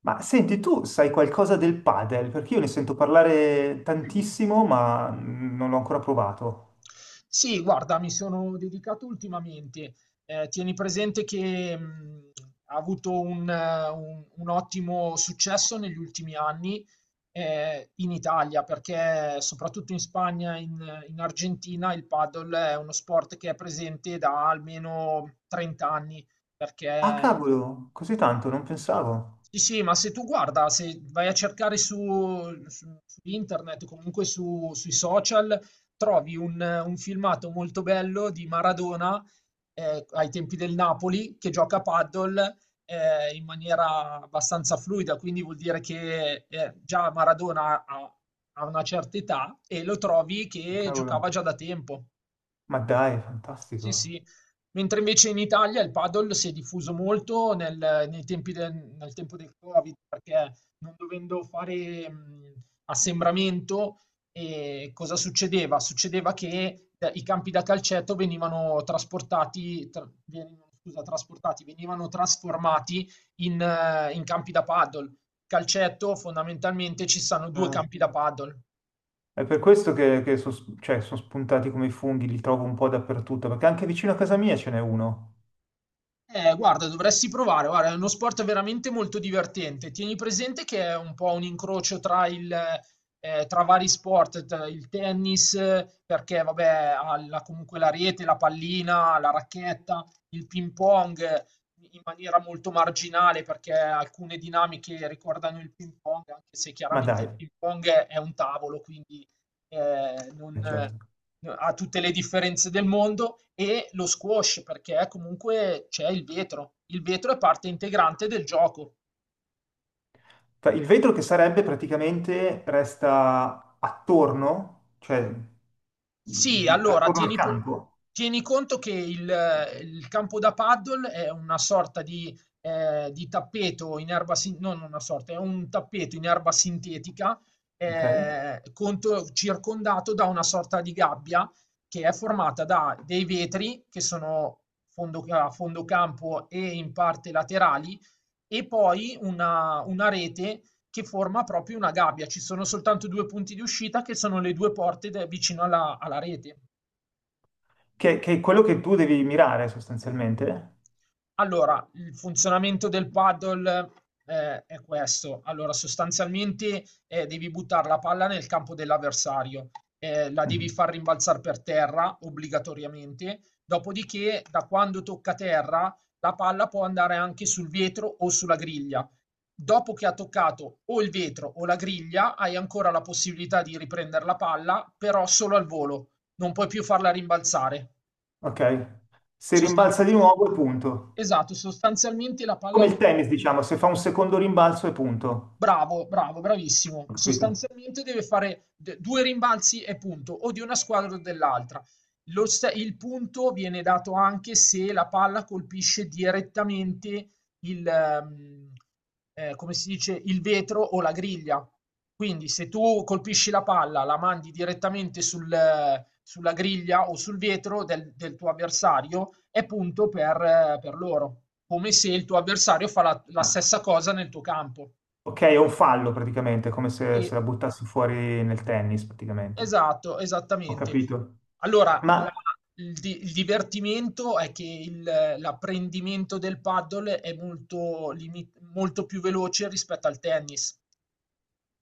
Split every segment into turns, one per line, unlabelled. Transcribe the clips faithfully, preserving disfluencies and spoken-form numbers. Ma senti, tu sai qualcosa del padel? Perché io ne sento parlare tantissimo, ma non l'ho ancora provato.
Sì, guarda, mi sono dedicato ultimamente. Ehm, tieni presente che, mhmm, ha avuto un eh, un un ottimo successo negli ultimi anni, ehm, in Italia, perché soprattutto in Spagna e in in Argentina il padel è uno sport che è presente da almeno trent'anni anni,
Ah,
perché
cavolo, così tanto, non pensavo.
sì, sì, ma se tu guarda, se vai a cercare su, su- su internet, o comunque su- sui social, trovi un, un filmato molto bello di Maradona eh, ai tempi del Napoli che gioca a paddle eh, in maniera abbastanza fluida, quindi vuol dire che eh, già Maradona ha, ha una certa età e lo trovi che
Cavolo.
giocava già da tempo.
Ma dai,
Sì,
fantastico.
sì. Mentre invece in Italia il padel si è diffuso molto nel, nei tempi del, nel tempo del Covid, perché non dovendo fare mh, assembramento, eh, cosa succedeva? Succedeva che eh, i campi da calcetto venivano trasportati, tra- venivano, scusa, trasportati, venivano trasformati in, eh, in campi da paddle. Calcetto, fondamentalmente, ci sono due
Ah,
campi da
sì.
paddle.
È per questo che, che so- cioè, sono spuntati come i funghi, li trovo un po' dappertutto, perché anche vicino a casa mia ce n'è uno.
Eh, guarda, dovresti provare, guarda, è uno sport veramente molto divertente. Tieni presente che è un po' un incrocio tra il, eh, tra vari sport, tra il tennis, eh, perché vabbè, ha la- comunque la rete, la pallina, la racchetta, il ping pong eh, in maniera molto marginale, perché alcune dinamiche ricordano il ping pong, anche se
Ma
chiaramente
dai,
il ping pong è è un tavolo, quindi ehm, non
eh,
n
certo.
ha tutte le differenze del mondo, e lo squash perché comunque c'è il vetro. Il vetro è parte integrante del gioco.
Fa- Il vetro che sarebbe praticamente resta attorno, cioè
Sì,
mh,
allora
attorno al
tieni p
campo,
tieni conto che il il campo da paddle è una sorta di ehm, di tappeto in erba sin no, non una sorta, è un tappeto in erba sintetica,
ok?
ehm, conto circondato da una sorta di gabbia che è formata da dei vetri che sono fondo ca a fondo campo e in parte laterali e poi una una rete che forma proprio una gabbia. Ci sono soltanto due punti di uscita che sono le due porte de- vicino alla, alla rete.
Che, che è quello che tu devi mirare sostanzialmente.
Allora, il funzionamento del paddle, ehm, è questo. Allora, sostanzialmente, ehm, devi buttar la palla nel campo dell'avversario, ehm, la devi
Mhm.
far rimbalzar per terra obbligatoriamente, dopodiché da quando tocca terra la palla può andare anche sul vetro o sulla griglia. Dopo che ha toccato o il vetro o la griglia, hai ancora la possibilità di riprender la palla, però solo al volo, non puoi più farla rimbalzare.
Ok. Se rimbalza
Sostanz
di nuovo è punto.
esatto, sostanzialmente la palla
Come il
non
tennis, diciamo, se fa un secondo rimbalzo è punto.
bravo, bravo, bravissimo.
Ho capito?
Sostanzialmente deve fare d- due rimbalzi e punto, o di una squadra o dell'altra. Lo sta- il punto viene dato anche se la palla colpisce direttamente il, ehm, eh, come si dice, il vetro o la griglia. Quindi se tu colpisci la palla, la mandi direttamente sul, eh, sulla griglia o sul vetro del, del tuo avversario, è punto per, eh, per loro, come se il tuo avversario fa la la
Ah,
stessa cosa nel tuo campo.
ok, è un fallo praticamente, come se,
Sì,
se la buttassi fuori nel tennis praticamente.
esatto,
Ho
esattamente.
capito.
Allora, la
Ma
il di Il divertimento è che il l'apprendimento del paddle è molto limi molto più veloce rispetto al tennis.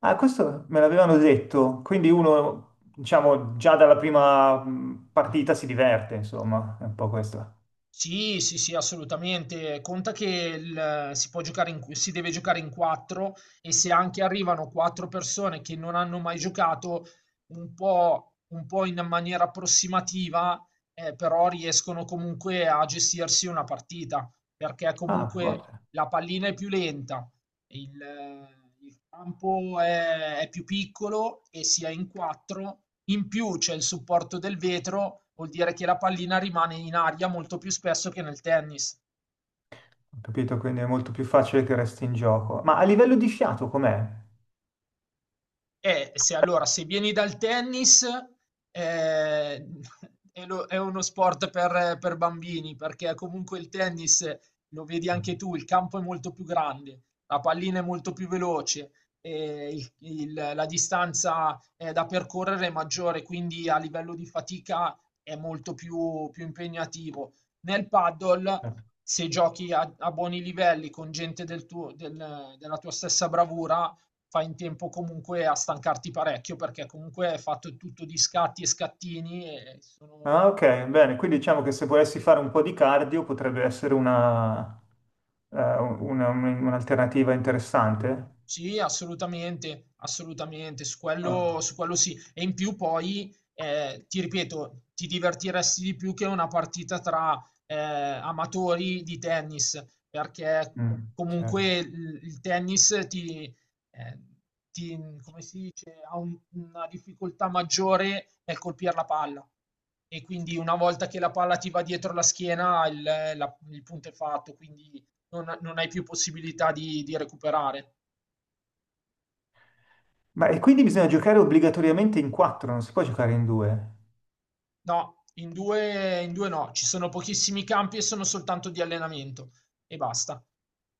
ah, Questo me l'avevano detto, quindi uno, diciamo, già dalla prima mh, partita si diverte, insomma, è un po' questo.
Sì, sì, sì, assolutamente. Conta che il- si può giocare in, si deve giocare in quattro e se anche arrivano quattro persone che non hanno mai giocato, un po', un po' in maniera approssimativa, eh, però riescono comunque a gestirsi una partita, perché
Ah,
comunque
forte.
la pallina è più lenta, il il campo è è più piccolo e si è in quattro, in più c'è il supporto del vetro, vuol dire che la pallina rimane in aria molto più spesso che nel tennis.
Ho capito, quindi è molto più facile che resti in gioco. Ma a livello di fiato com'è?
Eh, se allora se vieni dal tennis, ehm, è lo è uno sport per per bambini, perché comunque il tennis, lo vedi anche tu, il campo è molto più grande, la pallina è molto più veloce, ehm, il il la distanza, ehm, da percorrere è maggiore, quindi a livello di fatica è molto più più impegnativo. Nel paddle,
Eh.
se giochi a a buoni livelli con gente del tuo del della tua stessa bravura fai in tempo comunque a stancarti parecchio perché comunque è fatto tutto di scatti e scattini e sono
Ah, ok, bene. Quindi diciamo che se volessi fare un po' di cardio potrebbe essere una, eh, una- un- un'alternativa interessante.
sì, assolutamente, assolutamente, su
Ah,
quello, su quello sì. E in più poi, eh, ti ripeto, ti divertiresti di più che una partita tra eh, amatori di tennis, perché
mm, certo.
comunque il, il tennis ti, eh, ti- come si dice, ha un- una difficoltà maggiore nel colpire la palla. E quindi una volta che la palla ti va dietro la schiena, il, la- il punto è fatto, quindi non, non hai più possibilità di di recuperare.
Ma e quindi bisogna giocare obbligatoriamente in quattro, non si può giocare in due.
No, in due in due no, ci sono pochissimi campi e sono soltanto di allenamento e basta.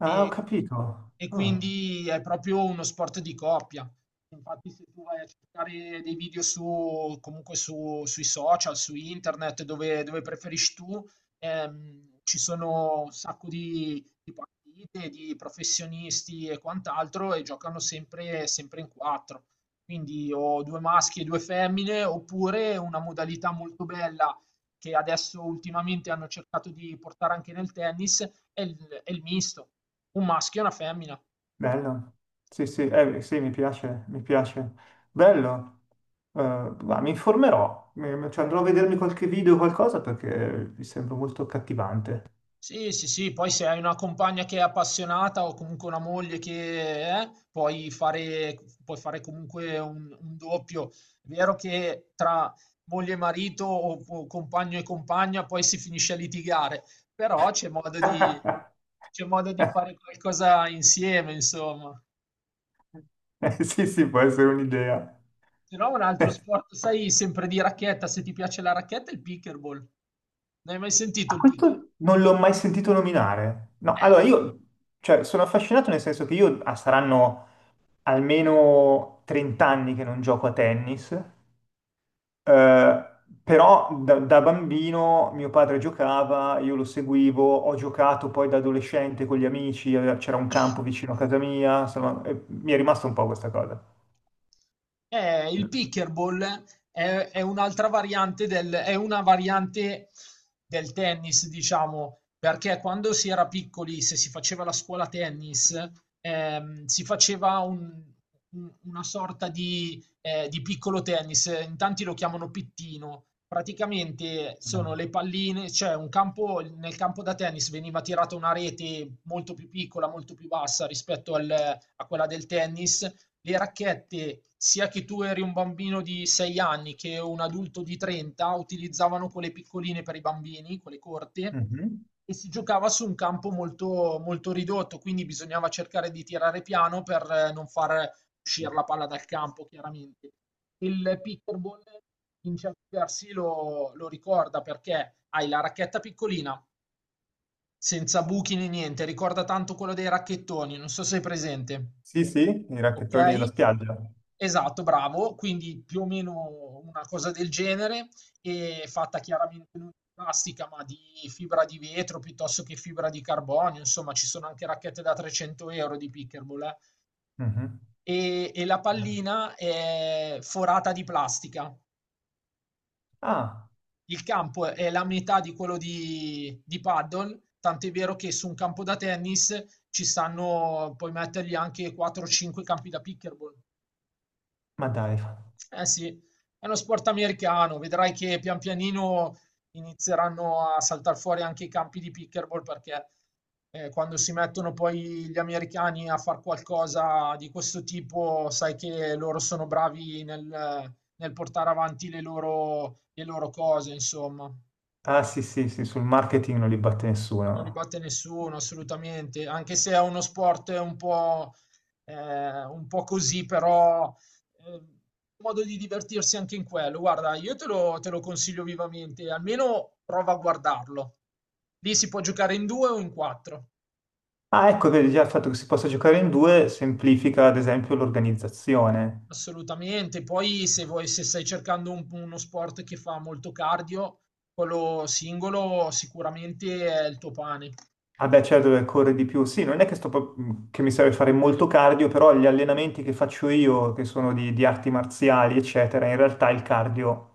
Ah, ho
E
capito.
e
Ah.
quindi è proprio uno sport di coppia. Infatti se tu vai a cercare dei video su comunque su sui social, su internet, dove dove preferisci tu, ehm, ci sono un sacco di di partite, di professionisti e quant'altro e giocano sempre sempre in quattro. Quindi ho due maschi e due femmine, oppure una modalità molto bella che adesso ultimamente hanno cercato di portare anche nel tennis è il è il misto, un maschio e una femmina.
Bello. Sì, sì, eh, sì, mi piace, mi piace. Bello. Eh, ma mi informerò, Mi- cioè, andrò a vedermi qualche video o qualcosa perché mi sembra molto cattivante.
Sì, sì, sì, poi se hai una compagna che è appassionata o comunque una moglie che è, puoi fare, puoi fare comunque un, un doppio. È vero che tra moglie e marito o, o compagno e compagna poi si finisce a litigare, però c'è modo di, c'è modo di fare qualcosa insieme, insomma.
Eh, sì, sì, può essere un'idea.
Se no, un altro
Eh,
sport, sai, sempre di racchetta, se ti piace la racchetta, il pickleball. Non hai mai sentito
A
il pickleball?
questo non l'ho mai sentito nominare. No, allora io, cioè, sono affascinato nel senso che io ah, saranno almeno trenta anni che non gioco a tennis. Eh, però da, da bambino mio padre giocava, io lo seguivo, ho giocato poi da adolescente con gli amici, eh, c'era un campo vicino a casa mia, insomma, eh, mi è rimasta un po' questa cosa.
Eh, il pickleball è, è un'altra variante del, è una variante del tennis, diciamo, perché quando si era piccoli, se si faceva la scuola tennis, ehm, si faceva un- un- una sorta di eh, di piccolo tennis, in tanti lo chiamano pittino. Praticamente sono le palline, cioè un campo, nel campo da tennis veniva tirata una rete molto più piccola, molto più bassa rispetto al- a quella del tennis. Le racchette, sia che tu eri un bambino di sei anni che un adulto di trenta, utilizzavano quelle piccoline per i bambini, quelle corte
Mhm.
e si giocava su un campo molto, molto ridotto, quindi bisognava cercare di tirare piano per eh, non far uscire la palla dal campo chiaramente. Il pickerball in certi versi lo, lo ricorda perché hai la racchetta piccolina, senza buchi né niente, ricorda tanto quello dei racchettoni, non so se è presente,
Sì, sì, i
ok?
racchettoni da spiaggia.
Esatto, bravo, quindi più o meno una cosa del genere, e fatta chiaramente non di plastica, ma di fibra di vetro piuttosto che fibra di carbonio, insomma ci sono anche racchette da trecento euro di pickerball, eh?
Mhm.
e e la pallina è forata di plastica.
Ah,
Il campo è la metà di quello di di paddle, tant'è vero che su un campo da tennis ci stanno puoi mettergli anche quattro o cinque campi da pickleball.
ma dai.
Eh sì, è uno sport americano, vedrai che pian pianino inizieranno a saltare fuori anche i campi di pickleball perché eh, quando si mettono poi gli americani a fare qualcosa di questo tipo, sai che loro sono bravi nel, nel portare avanti le loro, le loro cose, insomma.
Ah, sì, sì, sì, sul marketing non li batte
Non li
nessuno.
batte nessuno, assolutamente, anche se è uno sport un po', eh, un po' così, però eh, modo di divertirsi anche in quello. Guarda, io te lo, te lo consiglio vivamente, almeno prova a guardarlo. Lì si può giocare in due o in quattro,
Ah, ecco, vedi, già il fatto che si possa giocare in due semplifica, ad esempio, l'organizzazione.
assolutamente. Poi se vuoi, se stai cercando un- uno sport che fa molto cardio, quello singolo sicuramente è il tuo pane.
Ah beh, certo, deve correre di più. Sì, non è che, sto pro- che mi serve fare molto cardio, però gli allenamenti che faccio io, che sono di, di arti marziali, eccetera, in realtà il cardio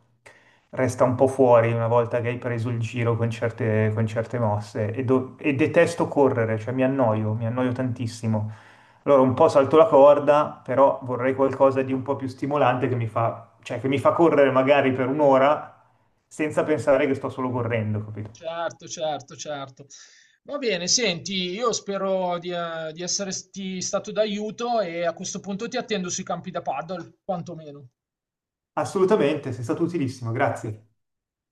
resta un po' fuori una volta che hai preso il giro con certe, con certe mosse. E, do- e detesto correre, cioè mi annoio, mi annoio tantissimo. Allora un po' salto la corda, però vorrei qualcosa di un po' più stimolante che mi fa, cioè che mi fa correre magari per un'ora senza pensare che sto solo correndo, capito?
Certo, certo, certo. Va bene, senti, io spero di, eh, di esserti stato d'aiuto e a questo punto ti attendo sui campi da paddle, quantomeno.
Assolutamente, sei stato utilissimo, grazie.